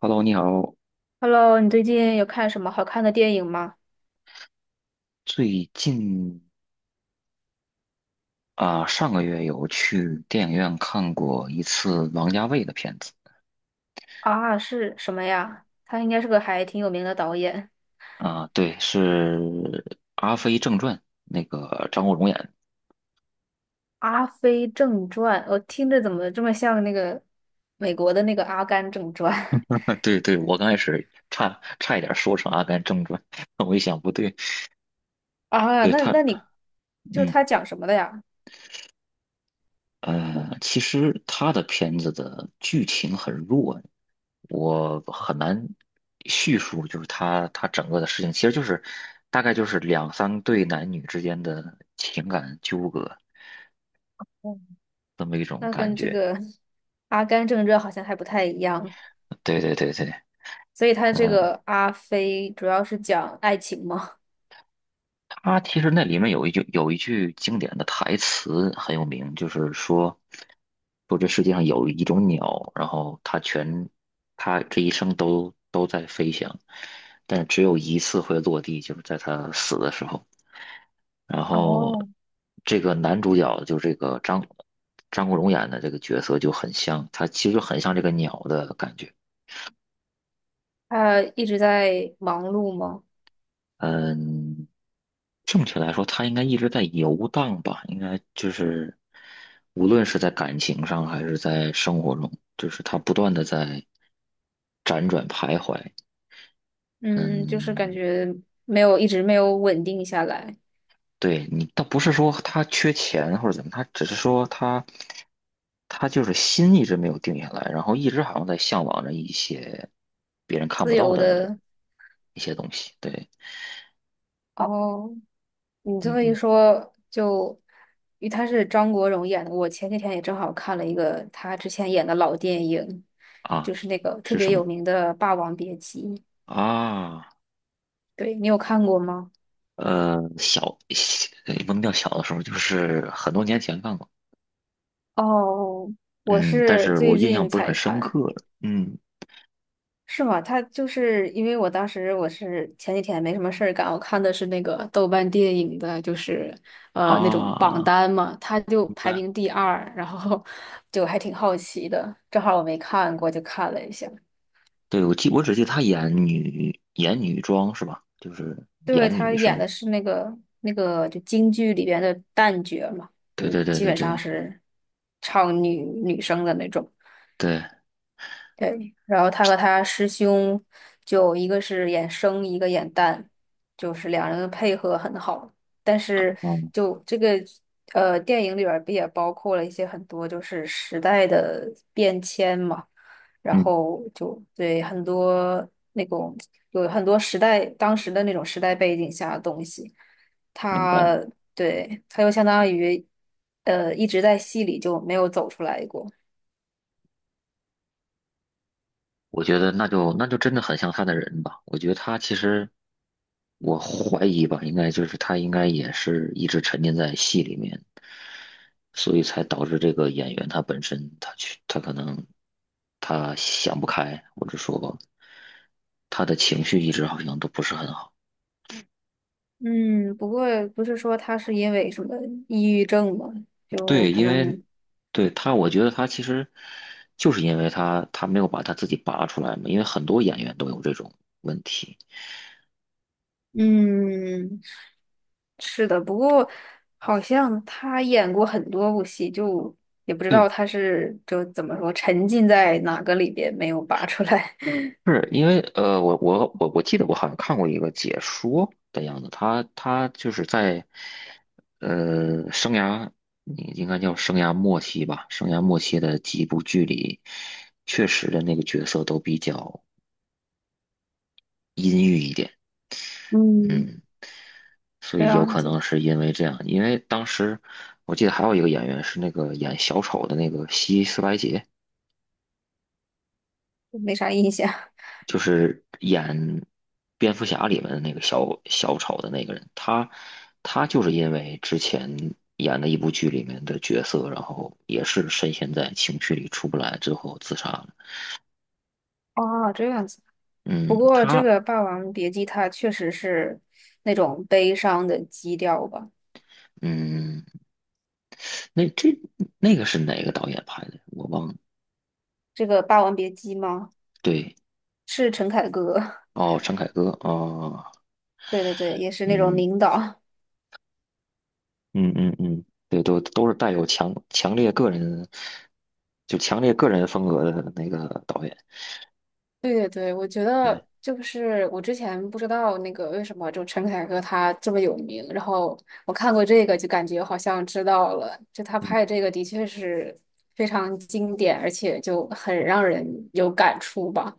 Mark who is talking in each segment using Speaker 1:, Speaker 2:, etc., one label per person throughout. Speaker 1: Hello，你好。
Speaker 2: Hello,你最近有看什么好看的电影吗？
Speaker 1: 最近上个月有去电影院看过一次王家卫的片子。
Speaker 2: 啊，是什么呀？他应该是个还挺有名的导演，
Speaker 1: 对，是《阿飞正传》，那个张国荣演的。
Speaker 2: 《阿飞正传》，我听着怎么这么像那个美国的那个《阿甘正传》。
Speaker 1: 对对，我刚开始差一点说成《阿甘正传》，我一想不对，
Speaker 2: 啊？
Speaker 1: 对
Speaker 2: 那
Speaker 1: 他。
Speaker 2: 那你
Speaker 1: 嗯。
Speaker 2: 他讲什么的呀？
Speaker 1: 其实他的片子的剧情很弱，我很难叙述，就是他整个的事情，其实就是大概就是两三对男女之间的情感纠葛
Speaker 2: 嗯，
Speaker 1: 这么一种
Speaker 2: 那
Speaker 1: 感
Speaker 2: 跟这
Speaker 1: 觉。
Speaker 2: 个《阿甘正传》好像还不太一样。
Speaker 1: 对对对对。
Speaker 2: 所以他这
Speaker 1: 嗯、
Speaker 2: 个阿飞主要是讲爱情吗？
Speaker 1: 他其实那里面有一句经典的台词很有名，就是说这世界上有一种鸟，然后它这一生都在飞翔，但是只有一次会落地，就是在它死的时候。然后
Speaker 2: 哦，
Speaker 1: 这个男主角就这个张国荣演的这个角色就很像，他其实很像这个鸟的感觉。
Speaker 2: 他一直在忙碌吗？
Speaker 1: 嗯，正确来说，他应该一直在游荡吧，应该就是无论是在感情上还是在生活中，就是他不断的在辗转徘徊。
Speaker 2: 嗯，就是感
Speaker 1: 嗯，
Speaker 2: 觉没有，一直没有稳定下来。
Speaker 1: 对，你倒不是说他缺钱或者怎么，他只是说他就是心一直没有定下来，然后一直好像在向往着一些别人看
Speaker 2: 自
Speaker 1: 不到
Speaker 2: 由
Speaker 1: 的
Speaker 2: 的。
Speaker 1: 一些东西。对。
Speaker 2: 哦，你这
Speaker 1: 嗯
Speaker 2: 么一
Speaker 1: 哼。
Speaker 2: 说，因为他是张国荣演的，我前几天也正好看了一个他之前演的老电影，
Speaker 1: 啊，
Speaker 2: 就是那个特
Speaker 1: 是
Speaker 2: 别
Speaker 1: 什
Speaker 2: 有
Speaker 1: 么
Speaker 2: 名的《霸王别姬》。
Speaker 1: 啊？
Speaker 2: 对，你有看过吗？
Speaker 1: 小，也不能掉小的时候，就是很多年前看过，
Speaker 2: 哦，我
Speaker 1: 嗯，但
Speaker 2: 是
Speaker 1: 是我
Speaker 2: 最
Speaker 1: 印象
Speaker 2: 近
Speaker 1: 不是
Speaker 2: 才
Speaker 1: 很深刻
Speaker 2: 看。
Speaker 1: 了。嗯，
Speaker 2: 是吗？他就是因为我当时我是前几天没什么事儿干，我看的是那个豆瓣电影的，就是那种榜
Speaker 1: 啊，
Speaker 2: 单嘛，他就
Speaker 1: 明
Speaker 2: 排
Speaker 1: 白。
Speaker 2: 名第二，然后就还挺好奇的，正好我没看过，就看了一下。
Speaker 1: 对，我记，我只记得她演女装是吧？就是
Speaker 2: 对，
Speaker 1: 演
Speaker 2: 他
Speaker 1: 女
Speaker 2: 演
Speaker 1: 生。
Speaker 2: 的是那个就京剧里边的旦角嘛，
Speaker 1: 对
Speaker 2: 就
Speaker 1: 对对
Speaker 2: 基
Speaker 1: 对
Speaker 2: 本上
Speaker 1: 对
Speaker 2: 是唱女生的那种。
Speaker 1: 对。
Speaker 2: 对，然后他和他师兄，就一个是演生，一个演旦，就是两人的配合很好。但是
Speaker 1: 嗯
Speaker 2: 就这个电影里边儿不也包括了一些很多就是时代的变迁嘛，然
Speaker 1: 嗯，
Speaker 2: 后就对很多那种有很多时代当时的那种时代背景下的东西，
Speaker 1: 明白。
Speaker 2: 他对他又相当于一直在戏里就没有走出来过。
Speaker 1: 我觉得那就真的很像她的人吧。我觉得她其实，我怀疑吧，应该就是她应该也是一直沉浸在戏里面。所以才导致这个演员他本身他可能他想不开，或者说他的情绪一直好像都不是很好。
Speaker 2: 嗯，不过不是说他是因为什么抑郁症嘛，就
Speaker 1: 对，
Speaker 2: 可
Speaker 1: 因为，
Speaker 2: 能，
Speaker 1: 对他，我觉得他其实就是因为他没有把他自己拔出来嘛，因为很多演员都有这种问题。
Speaker 2: 嗯，是的。不过好像他演过很多部戏，就也不知道
Speaker 1: 对，
Speaker 2: 他是就怎么说沉浸在哪个里边没有拔出来。
Speaker 1: 是因为我记得我好像看过一个解说的样子，他就是在生涯，你应该叫生涯末期吧，生涯末期的几部剧里，确实的那个角色都比较阴郁一点。
Speaker 2: 嗯，
Speaker 1: 嗯，所
Speaker 2: 这
Speaker 1: 以有
Speaker 2: 样
Speaker 1: 可能
Speaker 2: 子，
Speaker 1: 是因为这样，因为当时我记得还有一个演员是那个演小丑的那个希斯莱杰，
Speaker 2: 就没啥印象。
Speaker 1: 就是演蝙蝠侠里面的那个小丑的那个人，他他就是因为之前演的一部剧里面的角色，然后也是深陷在情绪里出不来之后自杀了。
Speaker 2: 哦，这样子。不
Speaker 1: 嗯，
Speaker 2: 过这
Speaker 1: 他，
Speaker 2: 个《霸王别姬》它确实是那种悲伤的基调吧？
Speaker 1: 嗯，那这那个是哪个导演拍的？我忘了。
Speaker 2: 这个《霸王别姬》吗？
Speaker 1: 对。
Speaker 2: 是陈凯歌。
Speaker 1: 哦，陈凯歌哦。
Speaker 2: 对对对，也是那种
Speaker 1: 嗯
Speaker 2: 领导。
Speaker 1: 嗯嗯嗯，对，都都是带有强烈个人，就强烈个人风格的那个导演。
Speaker 2: 对对对，我觉
Speaker 1: 对。
Speaker 2: 得就是我之前不知道那个为什么就陈凯歌他这么有名，然后我看过这个就感觉好像知道了，就他
Speaker 1: 嗯。
Speaker 2: 拍的这个的确是非常经典，而且就很让人有感触吧。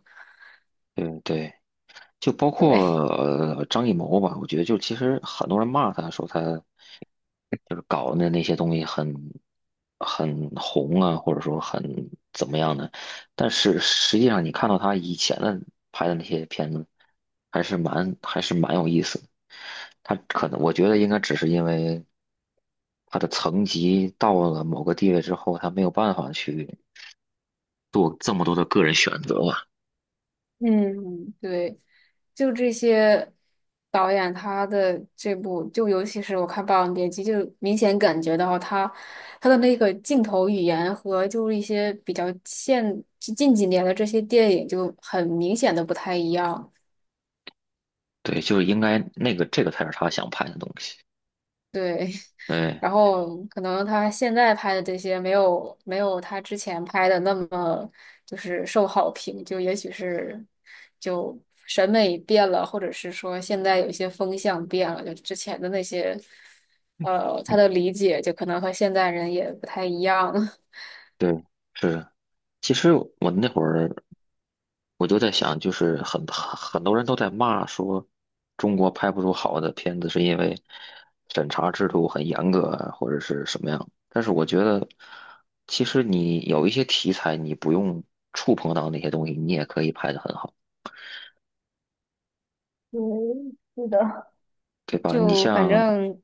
Speaker 1: 对对。就包括
Speaker 2: 对，
Speaker 1: 张艺谋吧，我觉得就其实很多人骂他说他就是搞的那些东西很很红啊，或者说很怎么样的，但是实际上你看到他以前的拍的那些片子，还是蛮还是蛮有意思的。他可能我觉得应该只是因为他的层级到了某个地位之后，他没有办法去做这么多的个人选择吧。
Speaker 2: 嗯，对，就这些导演他的这部，就尤其是我看《霸王别姬》，就明显感觉到他的那个镜头语言和就是一些比较现近几年的这些电影就很明显的不太一样。
Speaker 1: 对，就是应该那个这个才是他想拍的东西。
Speaker 2: 对，
Speaker 1: 对
Speaker 2: 然后可能他现在拍的这些没有他之前拍的那么就是受好评，就也许是就审美变了，或者是说现在有一些风向变了，就之前的那些他的理解就可能和现在人也不太一样。
Speaker 1: 对，是。其实我那会儿我就在想，就是很很多人都在骂说中国拍不出好的片子，是因为审查制度很严格啊，或者是什么样。但是我觉得，其实你有一些题材，你不用触碰到那些东西，你也可以拍得很好，
Speaker 2: 对，是的，
Speaker 1: 对吧？你
Speaker 2: 就反
Speaker 1: 像
Speaker 2: 正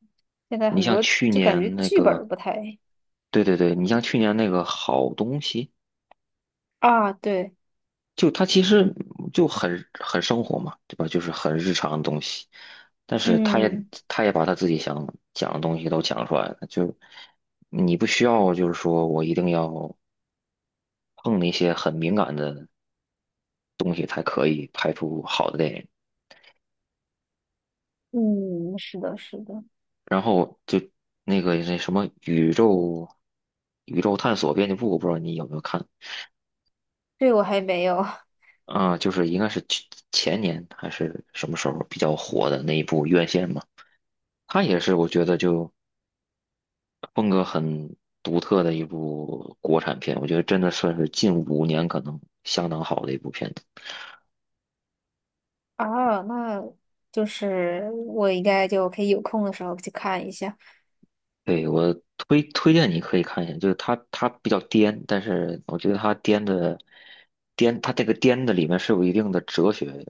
Speaker 2: 现在
Speaker 1: 你
Speaker 2: 很
Speaker 1: 像
Speaker 2: 多
Speaker 1: 去
Speaker 2: 就感觉
Speaker 1: 年那
Speaker 2: 剧本儿
Speaker 1: 个，
Speaker 2: 不太。
Speaker 1: 对对对，你像去年那个好东西。
Speaker 2: 啊，对，
Speaker 1: 就他其实就很很生活嘛，对吧？就是很日常的东西，但是他也
Speaker 2: 嗯
Speaker 1: 他也把他自己想讲的东西都讲出来了，就你不需要就是说我一定要碰那些很敏感的东西才可以拍出好的电影。
Speaker 2: 嗯，是的，是的，
Speaker 1: 然后就那个那什么宇宙探索编辑部，我不知道你有没有看。
Speaker 2: 这我还没有。
Speaker 1: 啊，就是应该是去前年还是什么时候比较火的那一部《院线》嘛，他也是，我觉得就风格很独特的一部国产片，我觉得真的算是近5年可能相当好的一部片子。
Speaker 2: 啊，那就是我应该就可以有空的时候去看一下。
Speaker 1: 对，我推荐你可以看一下，就是它比较颠，但是我觉得它颠的颠，它这个颠的里面是有一定的哲学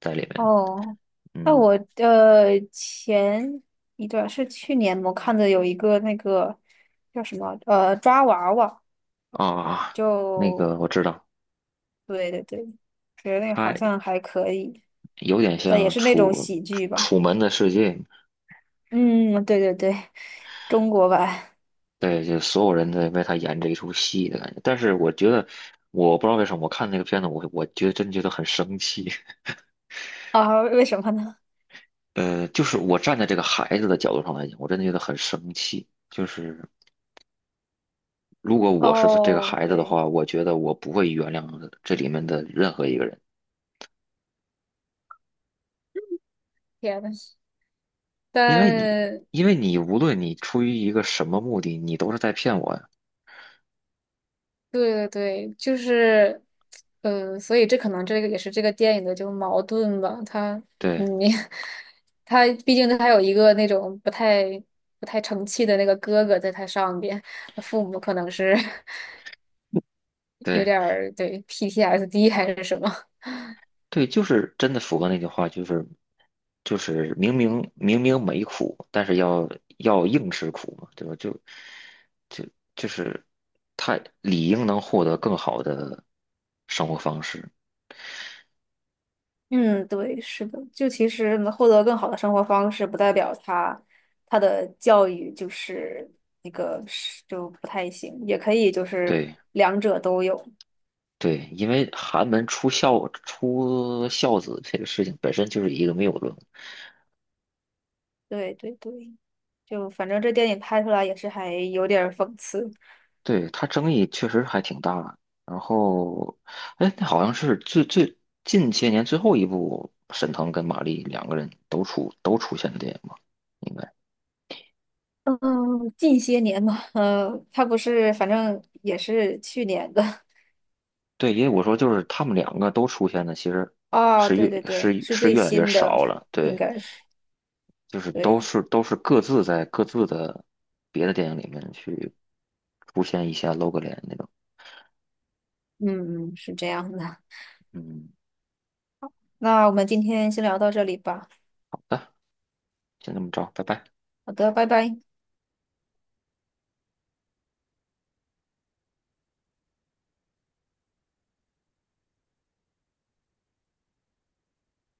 Speaker 1: 在里面。
Speaker 2: 哦，那
Speaker 1: 嗯，
Speaker 2: 我前一段是去年我看的有一个那个抓娃娃，
Speaker 1: 啊，那个
Speaker 2: 就
Speaker 1: 我知道，
Speaker 2: 对对对，觉得那个好
Speaker 1: 它
Speaker 2: 像还可以，
Speaker 1: 有点
Speaker 2: 但也
Speaker 1: 像
Speaker 2: 是那种
Speaker 1: 楚
Speaker 2: 喜剧吧。
Speaker 1: 《楚门的世界》。
Speaker 2: 嗯，对对对，中国版。
Speaker 1: 对，就所有人在为他演这一出戏的感觉。但是我觉得，我不知道为什么，我看那个片子，我觉得真觉得很生气。
Speaker 2: 啊，为什么呢？
Speaker 1: 就是我站在这个孩子的角度上来讲，我真的觉得很生气。就是如果我是这个
Speaker 2: 哦，
Speaker 1: 孩子的
Speaker 2: 对，
Speaker 1: 话，我觉得我不会原谅这里面的任何一个人，
Speaker 2: 天呐。
Speaker 1: 因为你，
Speaker 2: 但
Speaker 1: 因为你无论你出于一个什么目的，你都是在骗我呀。
Speaker 2: 对对对，就是，所以这可能这个也是这个电影的就矛盾吧。他，
Speaker 1: 对
Speaker 2: 嗯，他毕竟它有一个那种不太成器的那个哥哥在他上边，父母可能是 有
Speaker 1: 对。
Speaker 2: 点儿对 PTSD 还是什么。
Speaker 1: 对，就是真的符合那句话，就是就是明明没苦，但是要要硬吃苦嘛，对吧？就就就是太理应能获得更好的生活方式。
Speaker 2: 嗯，对，是的，就其实能获得更好的生活方式，不代表他他的教育就是那个是就不太行，也可以就是
Speaker 1: 对
Speaker 2: 两者都有。
Speaker 1: 对，因为寒门出孝子这个事情本身就是一个谬论。
Speaker 2: 对对对，就反正这电影拍出来也是还有点儿讽刺。
Speaker 1: 对，它争议确实还挺大。然后，哎，那好像是最近些年最后一部，沈腾跟马丽两个人都出现的电影吧？应该，
Speaker 2: 嗯，近些年嘛，嗯，他不是，反正也是去年的。
Speaker 1: 对，因为我说就是他们两个都出现的，其实
Speaker 2: 哦，
Speaker 1: 是
Speaker 2: 对
Speaker 1: 越
Speaker 2: 对对，
Speaker 1: 是
Speaker 2: 是
Speaker 1: 是
Speaker 2: 最
Speaker 1: 越来越
Speaker 2: 新的，
Speaker 1: 少了。
Speaker 2: 应
Speaker 1: 对，
Speaker 2: 该是。
Speaker 1: 就是都
Speaker 2: 对，
Speaker 1: 是都是各自在各自的别的电影里面去出现一下露个脸那种。
Speaker 2: 嗯，嗯是这样的。
Speaker 1: 嗯，
Speaker 2: 那我们今天先聊到这里吧。
Speaker 1: 好的，先这么着，拜拜。
Speaker 2: 好的，拜拜。